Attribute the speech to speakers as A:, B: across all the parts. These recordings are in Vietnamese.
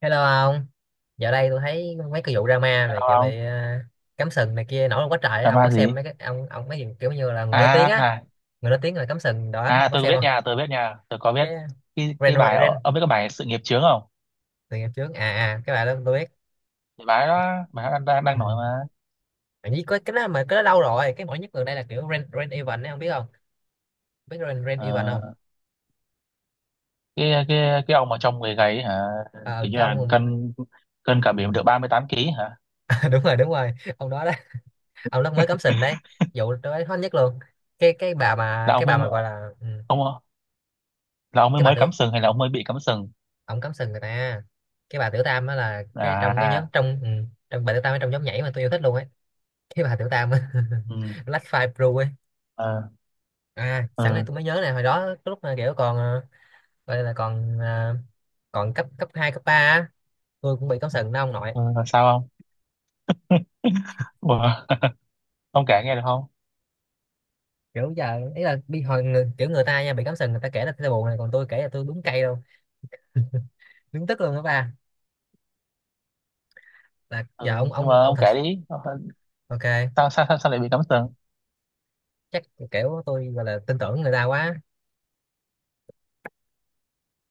A: Hello ông, dạo đây tôi thấy mấy cái vụ drama
B: Sao
A: này kiểu bị
B: không
A: cắm sừng này kia nổi lên quá trời, á. Ông có
B: drama
A: xem
B: gì
A: mấy cái ông mấy gì kiểu như là người nổi tiếng á,
B: à?
A: người nổi tiếng là cắm sừng đó,
B: à
A: ông có
B: tôi
A: xem
B: biết
A: không?
B: nha tôi biết nha tôi có biết
A: Cái
B: cái
A: Ren
B: cái bài.
A: Ren
B: Ông biết cái bài Sự Nghiệp Chướng không?
A: từ ngày trước, cái bà đó tôi biết.
B: Cái bài đó, bài đó đang đang đang
A: Ừ.
B: nổi mà.
A: Mà với cái đó mà cái đó lâu rồi, cái nổi nhất gần đây là kiểu Ren Ren Evan ấy, ông biết không? Biết Ren Ren Evan
B: Ờ,
A: không?
B: cái ông mà trong người gầy ấy hả?
A: Ờ,
B: Kiểu như
A: cái
B: là
A: ông
B: cân cân cả biển được 38 ký hả?
A: đúng rồi, đúng rồi, ông đó đó, ông đó mới cắm sừng đấy, vụ tôi thấy hot nhất luôn. Cái bà mà
B: là ông
A: cái
B: mới
A: bà mà gọi là
B: ông là ông mới
A: cái bà
B: mới
A: tự
B: cắm sừng hay là ông mới bị cắm sừng?
A: ổng cắm sừng người ta, cái bà tiểu tam á là cái trong cái nhóm
B: À.
A: trong, bà tiểu tam ở trong nhóm nhảy mà tôi yêu thích luôn ấy, cái bà tiểu tam á.
B: Ừ.
A: Black Five Blue ấy.
B: Ờ.
A: À, sẵn đây
B: ừ,
A: tôi mới nhớ này, hồi đó cái lúc mà kiểu còn gọi là còn còn cấp cấp 2 cấp 3, á, tôi cũng bị cắm sừng đó ông nội.
B: ừ, là sao không? Ủa, ông kể nghe được không?
A: Kiểu giờ ý là bị hồi kiểu người ta nha, bị cắm sừng người ta kể là tôi buồn này, còn tôi kể là tôi đúng cay luôn, đúng tức luôn đó ba. Là giờ
B: Ừ,
A: ông
B: nhưng mà
A: ông ông
B: ông
A: thật.
B: kể đi. Sao?
A: Ok.
B: Sao lại bị cắm sừng?
A: Chắc kiểu tôi gọi là tin tưởng người ta quá.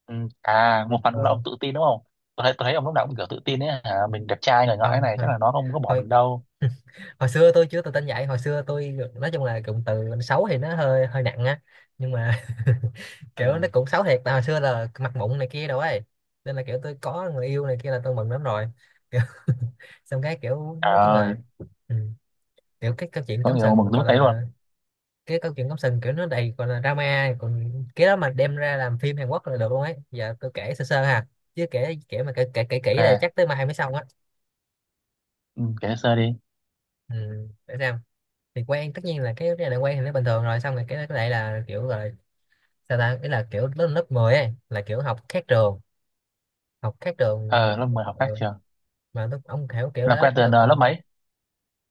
B: Ừ. À, một phần cũng là
A: Ừ,
B: ông tự tin đúng không? Tôi thấy ông lúc nào cũng kiểu tự tin ấy hả? Mình đẹp trai này ngõi
A: không.
B: này, chắc
A: Thôi
B: là nó không có bỏ
A: thôi,
B: mình đâu.
A: hồi xưa tôi chưa tự tin vậy, hồi xưa tôi nói chung là cụm từ xấu thì nó hơi hơi nặng á, nhưng mà kiểu nó
B: Ừ.
A: cũng xấu thiệt, tại hồi xưa là mặt mụn này kia đâu ấy, nên là kiểu tôi có người yêu này kia là tôi mừng lắm rồi kiểu, xong cái kiểu
B: Trời
A: nói chung
B: ơi,
A: là ừ, kiểu cái câu chuyện
B: có
A: cắm
B: nhiều mừng
A: sừng
B: tới mức
A: gọi
B: đấy luôn.
A: là, cái câu chuyện cắm sừng kiểu nó đầy gọi là drama, còn cái đó mà đem ra làm phim Hàn Quốc là được luôn ấy. Giờ tôi kể sơ sơ ha, chứ kể kể mà kể kể kể kỹ đây
B: Ok,
A: chắc tới mai mới xong á.
B: ừ, kể sơ đi.
A: Ừ, để xem. Thì quen, tất nhiên là cái này quen thì nó bình thường rồi, xong rồi cái này là kiểu rồi, sao ta, ý là kiểu lớp lớp 10 ấy là kiểu học khác trường, học khác trường này
B: Ờ, lớp
A: kia.
B: 10 học khác
A: Ừ.
B: trường.
A: Mà lúc ông hiểu kiểu
B: Làm
A: đó
B: quen
A: lúc
B: từ
A: là
B: lớp
A: còn
B: mấy?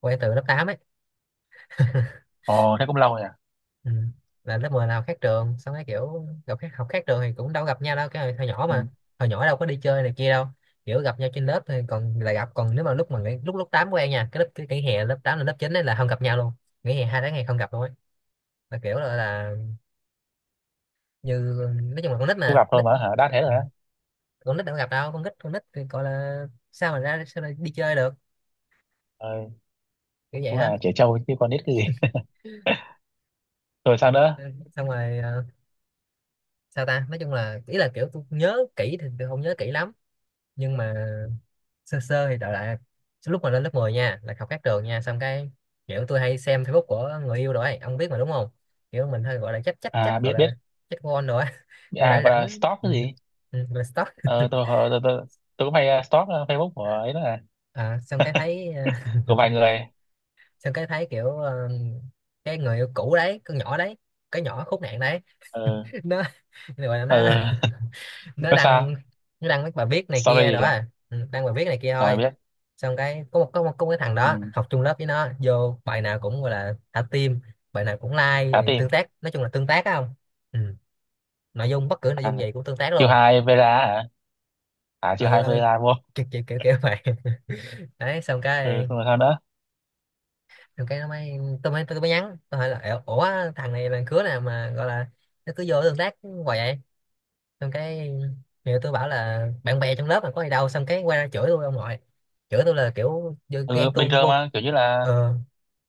A: quen từ lớp 8 ấy.
B: Ồ, thế cũng lâu rồi à?
A: Ừ. Là lớp 10 là học khác trường, xong cái kiểu gặp khác, học khác trường thì cũng đâu gặp nhau đâu, cái hồi nhỏ mà,
B: Ừ.
A: hồi nhỏ đâu có đi chơi này kia đâu, kiểu gặp nhau trên lớp thì còn là gặp, còn nếu mà lúc mà lúc lớp 8 quen nha, cái hè lớp 8 là lớp 9 ấy là không gặp nhau luôn, nghỉ hè 2 tháng ngày không gặp luôn ấy, là kiểu là như, nói chung là con nít
B: Không
A: mà
B: gặp thôi
A: nít.
B: mà hả? Đã thế
A: Ừ.
B: rồi á.
A: Con nít đâu có gặp đâu, con nít thì gọi là, sao mà ra sao lại đi chơi được,
B: Ờ,
A: kiểu vậy
B: cũng
A: á.
B: là trẻ trâu chứ còn biết cái gì. Rồi sao nữa?
A: Ừ, xong rồi, sao ta, nói chung là ý là kiểu tôi nhớ kỹ thì tôi không nhớ kỹ lắm, nhưng mà sơ sơ thì đại loại là lúc mà lên lớp 10 nha là học khác trường nha, xong cái kiểu tôi hay xem Facebook của người yêu rồi ấy, ông biết mà đúng không, kiểu mình hơi gọi là chắc chắc
B: À,
A: chắc gọi
B: biết biết.
A: là chắc con rồi á. Kiểu
B: À,
A: rảnh
B: gọi
A: rảnh
B: là stalk
A: ừ,
B: cái gì?
A: ừ, là stalk.
B: Ờ, tôi cũng hay stalk Facebook của ấy đó, là
A: À, xong cái thấy
B: của vài người.
A: xong cái thấy kiểu cái người yêu cũ đấy, con nhỏ đấy, cái nhỏ khốn nạn đấy,
B: Ờ,
A: nó gọi là nó
B: ờ,
A: nó
B: nó
A: đăng
B: sao?
A: nó đăng mấy bài viết này kia đó
B: Sorry, à?
A: à. Ừ, đăng bài viết này kia
B: Rồi
A: thôi,
B: biết.
A: xong cái có một, có một cái thằng đó
B: Ừ,
A: học chung lớp với nó vô bài nào cũng gọi là thả tim, bài nào cũng like,
B: cả
A: tương
B: team.
A: tác, nói chung là tương tác á không. Ừ. Nội dung, bất cứ nội
B: À,
A: dung gì cũng tương tác
B: chiêu
A: luôn.
B: hai Vera hả? À, chiêu
A: Ừ,
B: hai
A: ừ,
B: Vera vô.
A: kiểu, kiểu kiểu kiểu vậy. Đấy, xong
B: Ừ,
A: cái
B: xong rồi sao nữa?
A: rồi cái nó mới, tôi mới nhắn, tôi hỏi là "Ủa, ủa, thằng này là cứa nào mà gọi là nó cứ vô tương tác hoài vậy". Xong cái nhiều, tôi bảo là bạn bè trong lớp mà có gì đâu, xong cái quay ra chửi tôi ông nội, chửi tôi là kiểu như
B: Ừ,
A: ghen
B: bình
A: tuông
B: thường
A: vô.
B: mà kiểu như là,
A: Ờ,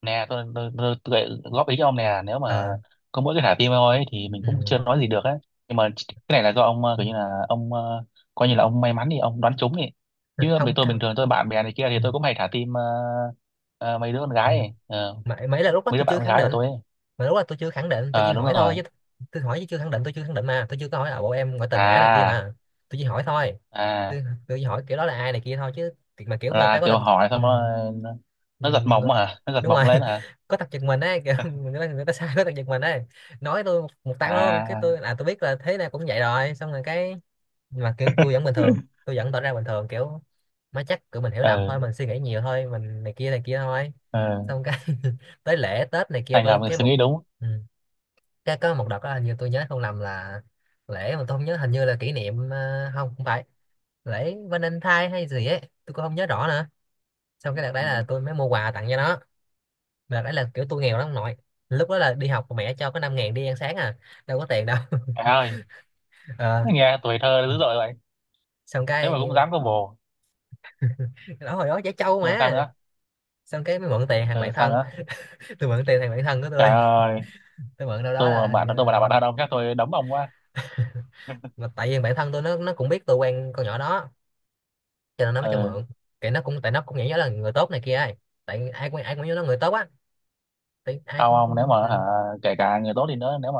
B: nè tôi góp ý cho ông nè. Nếu mà
A: ờ,
B: có mỗi cái thả tim thôi ấy, thì mình cũng chưa
A: ừ,
B: nói gì được á. Nhưng mà cái này là do ông, ờ,
A: ừ,
B: kiểu như là ông, ờ, coi như là ông may mắn thì ông đoán trúng đi. Chứ bên
A: không
B: tôi bình
A: cao.
B: thường, tôi bạn bè này kia thì
A: Ừ,
B: tôi cũng hay thả tim, mấy đứa con
A: ừ.
B: gái ấy. Ờ,
A: Mà là lúc đó
B: mấy đứa
A: tôi
B: bạn
A: chưa
B: con
A: khẳng
B: gái của
A: định,
B: tôi ấy.
A: mà lúc đó tôi chưa khẳng định, tôi chỉ
B: Ờ, đúng
A: hỏi thôi
B: rồi.
A: chứ. Tôi hỏi chứ chưa khẳng định, tôi chưa khẳng định, mà tôi chưa có hỏi là bộ em ngoại tình hả này kia
B: À.
A: mà, tôi chỉ hỏi thôi,
B: À,
A: tôi chỉ hỏi kiểu đó là ai này kia thôi chứ, thì mà kiểu người ta
B: là
A: có
B: kiểu
A: tình.
B: hỏi xong
A: Ừ.
B: rồi nó nó giật
A: Nhìn người- người-
B: mộng hả? Nó giật
A: đúng rồi.
B: mộng lên hả?
A: Có tập giật mình ấy kiểu, người ta sai có tập giật mình ấy, nói tôi một tăng luôn, cái tôi
B: À.
A: là tôi biết là thế này cũng vậy rồi, xong rồi cái, mà kêu tôi vẫn bình thường, tôi vẫn tỏ ra bình thường kiểu má chắc kiểu mình hiểu lầm
B: Ờ.
A: thôi, mình suy nghĩ nhiều thôi, mình này kia thôi.
B: Ờ,
A: Xong cái tới lễ Tết này kia
B: anh ngầm
A: tôi cái
B: suy
A: một
B: nghĩ đúng.
A: ừ, cái có một đợt đó hình như tôi nhớ không lầm là lễ mà tôi không nhớ, hình như là kỷ niệm, không, không phải lễ Valentine hay gì ấy, tôi cũng không nhớ rõ nữa. Xong cái đợt đấy
B: Ừ.
A: là tôi mới mua quà tặng cho nó. Đợt đấy là kiểu tôi nghèo lắm ông nội, lúc đó là đi học mẹ cho có 5 ngàn đi ăn sáng à, đâu có tiền đâu.
B: Trời ơi,
A: Ờ,
B: nó nghe tuổi thơ dữ dội vậy.
A: xong
B: Thế
A: cái
B: mà cũng dám có bồ.
A: đó, hồi đó trẻ trâu
B: Nhưng mà sao
A: mà.
B: nữa?
A: Xong cái mới mượn tiền thằng
B: Ừ,
A: bạn
B: sao
A: thân,
B: nữa?
A: tôi mượn tiền thằng bạn thân của
B: Trời
A: tôi
B: ơi,
A: tôi mượn đâu đó là
B: tôi mà
A: hình như,
B: là bạn thân ông chắc tôi đấm ông quá.
A: mà tại vì bạn thân tôi nó cũng biết tôi quen con nhỏ đó cho nên nó mới cho
B: Ừ,
A: mượn, cái nó cũng tại nó cũng nghĩ nó là người tốt này kia ấy, tại ai cũng nhớ nó người tốt á, tại ai
B: không
A: cũng
B: ông, nếu mà hả,
A: ừ.
B: kể cả người tốt đi nữa, nếu mà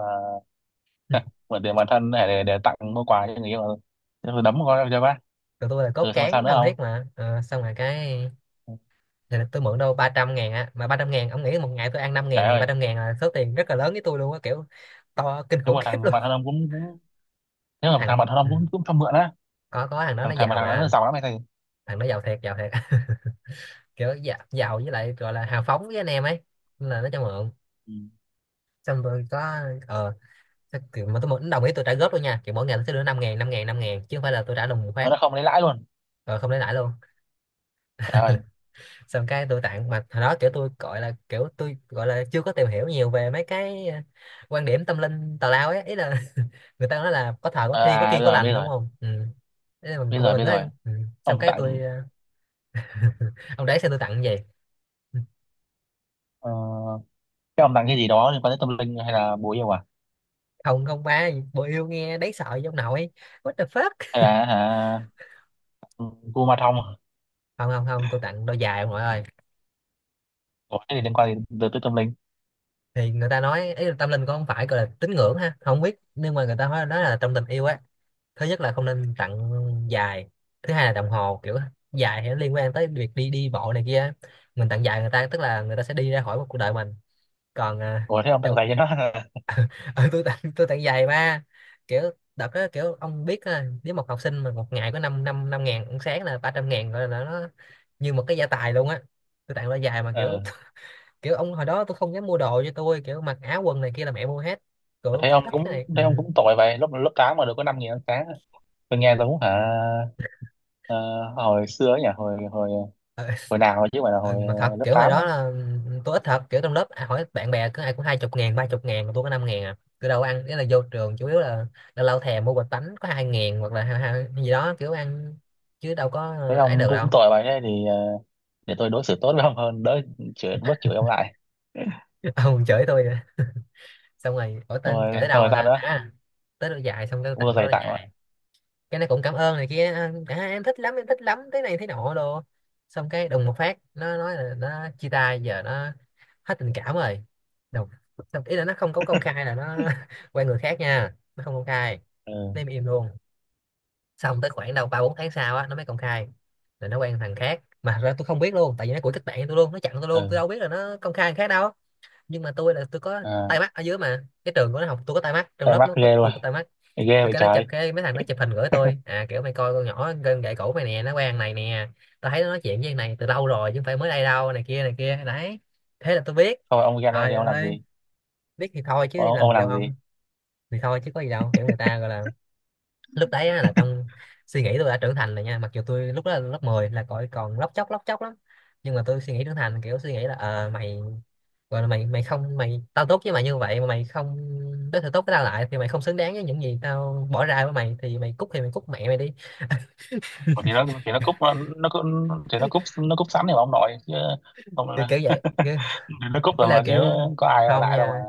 B: mượn tiền bạn thân để, tặng mua quà cho người yêu, ừ, thế tôi đấm con cho bác.
A: Tụi tôi là cốt
B: Ừ, xong rồi sao
A: cán
B: nữa
A: thân
B: không?
A: thiết mà. Ờ, xong rồi cái,
B: Ừ.
A: thì tôi mượn đâu 300 ngàn á, mà 300 ngàn ông nghĩ, một ngày tôi ăn 5 ngàn
B: Trời
A: thì ba
B: ơi.
A: trăm ngàn là số tiền rất là lớn với tôi luôn á, kiểu to kinh
B: nếu
A: khủng
B: mà
A: khiếp
B: thằng
A: luôn.
B: bạn thân ông cũng cũng Nếu mà thằng
A: thằng
B: bạn thân ông
A: ừ.
B: cũng cũng cho mượn á.
A: Có thằng đó
B: Thằng
A: nó
B: thằng mà
A: giàu
B: Thằng đó nó
A: mà,
B: giàu lắm hay sao?
A: thằng đó giàu thiệt, giàu thiệt. Kiểu giàu, giàu với lại gọi là hào phóng với anh em ấy, nên là nó cho mượn.
B: Ừ.
A: Xong tôi có ờ kiểu mà tôi mượn đồng ý tôi trả góp luôn nha, kiểu mỗi ngày tôi sẽ đưa 5 ngàn, 5 ngàn, 5 ngàn chứ không phải là tôi trả đồng một
B: Mà
A: phát.
B: nó không lấy lãi luôn?
A: Ờ, không lấy lãi luôn.
B: Trời ơi.
A: Xong cái tôi tặng, mà hồi đó kiểu tôi gọi là chưa có tìm hiểu nhiều về mấy cái quan điểm tâm linh tào lao ấy, ý là người ta nói là có thờ có
B: Ờ,
A: thi có
B: à
A: kiêng
B: bây
A: có
B: giờ biết
A: lành, đúng
B: rồi.
A: không. Ừ. Thế là mình
B: bây giờ
A: mình
B: bây
A: nói.
B: giờ
A: Ừ. Xong
B: ông
A: cái tôi,
B: tặng.
A: ông đấy xem tôi tặng gì.
B: Ờ, cái ông tặng cái gì đó liên quan tới tâm linh hay là bùa yêu à?
A: Không, không, ba bộ yêu nghe đấy sợ giống nội, what the fuck.
B: Hay là hả gu ma thông?
A: Không, không, không, tôi tặng đôi giày ông nội ơi.
B: Ủa, cái gì liên quan gì tới, tới tâm linh?
A: Thì người ta nói ý là tâm linh cũng không phải gọi là tín ngưỡng ha, không biết, nhưng mà người ta nói là trong tình yêu á, thứ nhất là không nên tặng giày, thứ hai là đồng hồ, kiểu giày thì nó liên quan tới việc đi đi bộ này kia, mình tặng giày người ta tức là người ta sẽ đi ra khỏi một cuộc đời mình, còn à,
B: Ủa, thế ông tặng
A: đồng.
B: giày cho nó hả?
A: Ừ, tôi tặng giày ba kiểu. Đợt đó kiểu ông biết á, nếu một học sinh mà một ngày có năm năm năm ngàn ăn sáng là 300 ngàn rồi là nó như một cái gia tài luôn á, tôi tặng đôi giày mà kiểu
B: Ờ,
A: kiểu ông hồi đó tôi không dám mua đồ cho tôi, kiểu mặc áo quần này kia là mẹ mua hết, kiểu
B: thấy ông
A: thích cái
B: cũng
A: này. Ừ.
B: thấy ông cũng tội vậy. Lớp lớp tám mà được có 5 nghìn ăn sáng. Tôi nghe giống hả. Ờ, hồi xưa ấy nhỉ, hồi hồi
A: Ờ,
B: hồi nào rồi chứ không phải là hồi
A: mà thật
B: lớp
A: kiểu hồi
B: tám đó.
A: đó là tôi ít thật, kiểu trong lớp ai hỏi bạn bè cứ ai cũng 20.000, 30.000 mà tôi có 5.000 à. Tôi đâu có ăn, nghĩa là vô trường chủ yếu là lâu lâu thèm mua bịch bánh có 2.000, hoặc là hai gì đó kiểu ăn, chứ đâu có
B: Thấy
A: ấy
B: ông
A: được
B: cũng
A: đâu.
B: tội vậy, thế thì ờ, để tôi đối xử tốt với ông hơn, đỡ chửi, bớt chửi ông lại.
A: Ông chửi tôi nữa. Xong rồi, ủa
B: Xong
A: tên kể
B: rồi,
A: tới
B: xong
A: đâu
B: rồi
A: rồi
B: sao
A: ta?
B: nữa?
A: À, tới đôi dài, xong cái tôi tặng
B: Mua
A: nó
B: giày
A: đôi
B: tặng rồi.
A: dài, cái nó cũng cảm ơn này kia, em thích lắm, em thích lắm, thế này thế nọ đồ. Xong cái đùng một phát nó nói là nó chia tay, giờ nó hết tình cảm rồi. Đùng. Xong ý là nó không có công khai là nó quen người khác nha, nó không công khai
B: Ừ.
A: nên im im luôn. Xong tới khoảng đâu ba bốn tháng sau á nó mới công khai là nó quen thằng khác, mà thật ra tôi không biết luôn, tại vì nó của kết bạn với tôi luôn, nó chặn tôi luôn, tôi
B: Ừ.
A: đâu biết là nó công khai thằng khác đâu. Nhưng mà tôi là tôi có
B: À,
A: tay mắt ở dưới mà, cái trường của nó học tôi có tay mắt, trong
B: tay
A: lớp
B: mắc
A: nó có
B: ghê luôn,
A: tôi có tay mắt.
B: ghê
A: Thì
B: vậy
A: cái nó chụp,
B: trời.
A: cái mấy thằng nó chụp hình gửi tôi, à kiểu mày coi con nhỏ gân gậy cổ mày nè, nó quen này nè, tao thấy nó nói chuyện với thằng này từ lâu rồi chứ không phải mới đây đâu, này kia đấy. Thế là tôi biết.
B: Không ông, ra đây
A: Trời
B: thì ông làm
A: ơi,
B: gì?
A: biết thì thôi chứ
B: ông,
A: làm
B: ông
A: gì đâu
B: làm gì?
A: ông, thì thôi chứ có gì đâu, kiểu người ta gọi là, lúc đấy á, là trong suy nghĩ tôi đã trưởng thành rồi nha, mặc dù tôi lúc đó là lớp 10, là còn còn lóc chóc lắm. Nhưng mà tôi suy nghĩ trưởng thành, kiểu suy nghĩ là ờ mày, gọi là mày mày không, mày tao tốt với mày như vậy mà mày không đối xử tốt với tao lại, thì mày không xứng đáng với những gì tao bỏ ra với mày, thì mày cút, thì mày cút mẹ mày đi.
B: Ủa thì nó, thì nó cúp- thì nó cúp, nó cúp sẵn thì mà ông nội chứ ông.
A: Kiểu kiểu vậy kiểu,
B: Nó cúp
A: ý
B: rồi
A: là
B: mà chứ,
A: kiểu
B: có ai ở
A: không
B: lại đâu mà.
A: nha,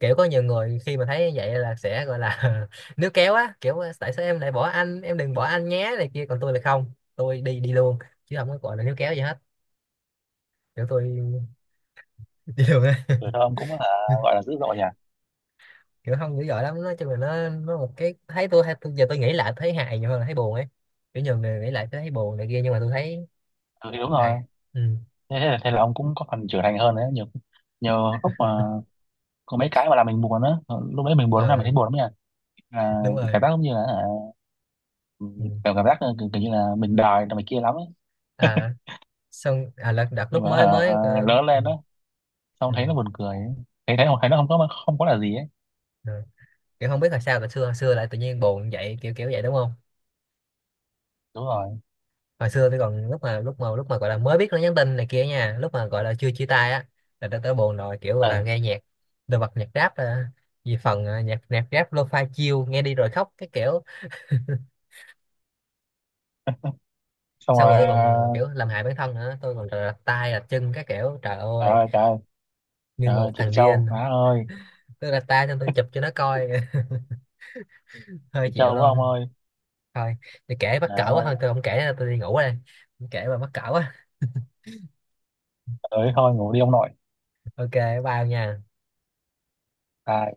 A: kiểu có nhiều người khi mà thấy như vậy là sẽ gọi là níu kéo á, kiểu tại sao em lại bỏ anh, em đừng bỏ anh nhé, này kia, còn tôi là không, tôi đi đi luôn chứ không có gọi là níu kéo gì hết. Kiểu tôi đi luôn á.
B: Tuổi thơ ông cũng là gọi là dữ dội nhỉ.
A: Kiểu không dữ dội lắm, nói chung là nó một cái thấy tôi hay, tôi giờ tôi nghĩ lại thấy hài nhiều hơn là thấy buồn ấy. Kiểu nhiều người nghĩ lại tôi thấy buồn này kia, nhưng mà tôi thấy
B: Ừ, thì đúng
A: hay.
B: rồi.
A: Ừ.
B: Thế là ông cũng có phần trưởng thành hơn đấy nhiều. Nhiều lúc mà có mấy cái mà làm mình buồn á, lúc đấy mình buồn, lúc nào mình thấy
A: Ờ,
B: buồn lắm nha. À,
A: đúng rồi.
B: cảm giác giống như là à,
A: Ừ.
B: cảm cảm giác là kiểu, kiểu như là mình đòi là mày kia lắm ấy.
A: À, xong à là đợt lúc
B: Nhưng mà
A: mới mới
B: à, lớn lên đó
A: Ừ.
B: xong thấy nó buồn cười ấy. Thấy thấy thấy nó không có, không có là gì ấy.
A: Rồi. Kiểu không biết là sao là xưa, hồi xưa lại tự nhiên buồn vậy, kiểu kiểu vậy đúng không?
B: Đúng rồi.
A: Hồi xưa tôi còn lúc mà gọi là mới biết nó nhắn tin này kia nha, lúc mà gọi là chưa chia tay á, là tôi tới buồn rồi, kiểu gọi
B: Ừ,
A: là nghe nhạc đồ, vật nhạc rap, vì phần nhạc nhạc rap lo-fi chill, nghe đi rồi khóc cái kiểu.
B: xong
A: Xong
B: rồi
A: rồi tôi còn
B: à.
A: kiểu làm hại bản thân nữa, tôi còn rạch tay rạch chân cái kiểu trời
B: Trời
A: ơi,
B: ơi, trời ơi,
A: như
B: trời
A: một
B: ơi chị
A: thằng
B: Châu
A: điên.
B: má ơi.
A: Tức là ta cho tôi chụp cho nó coi, hơi
B: Chị
A: chịu
B: Châu của
A: luôn.
B: ông ơi.
A: Thôi thì kể mắc cỡ
B: Trời
A: quá,
B: ơi.
A: thôi tôi không kể nữa, tôi đi ngủ đây. Không kể mà mắc cỡ quá.
B: Ơi thôi ngủ đi ông nội.
A: Ok. Bao nha.
B: À.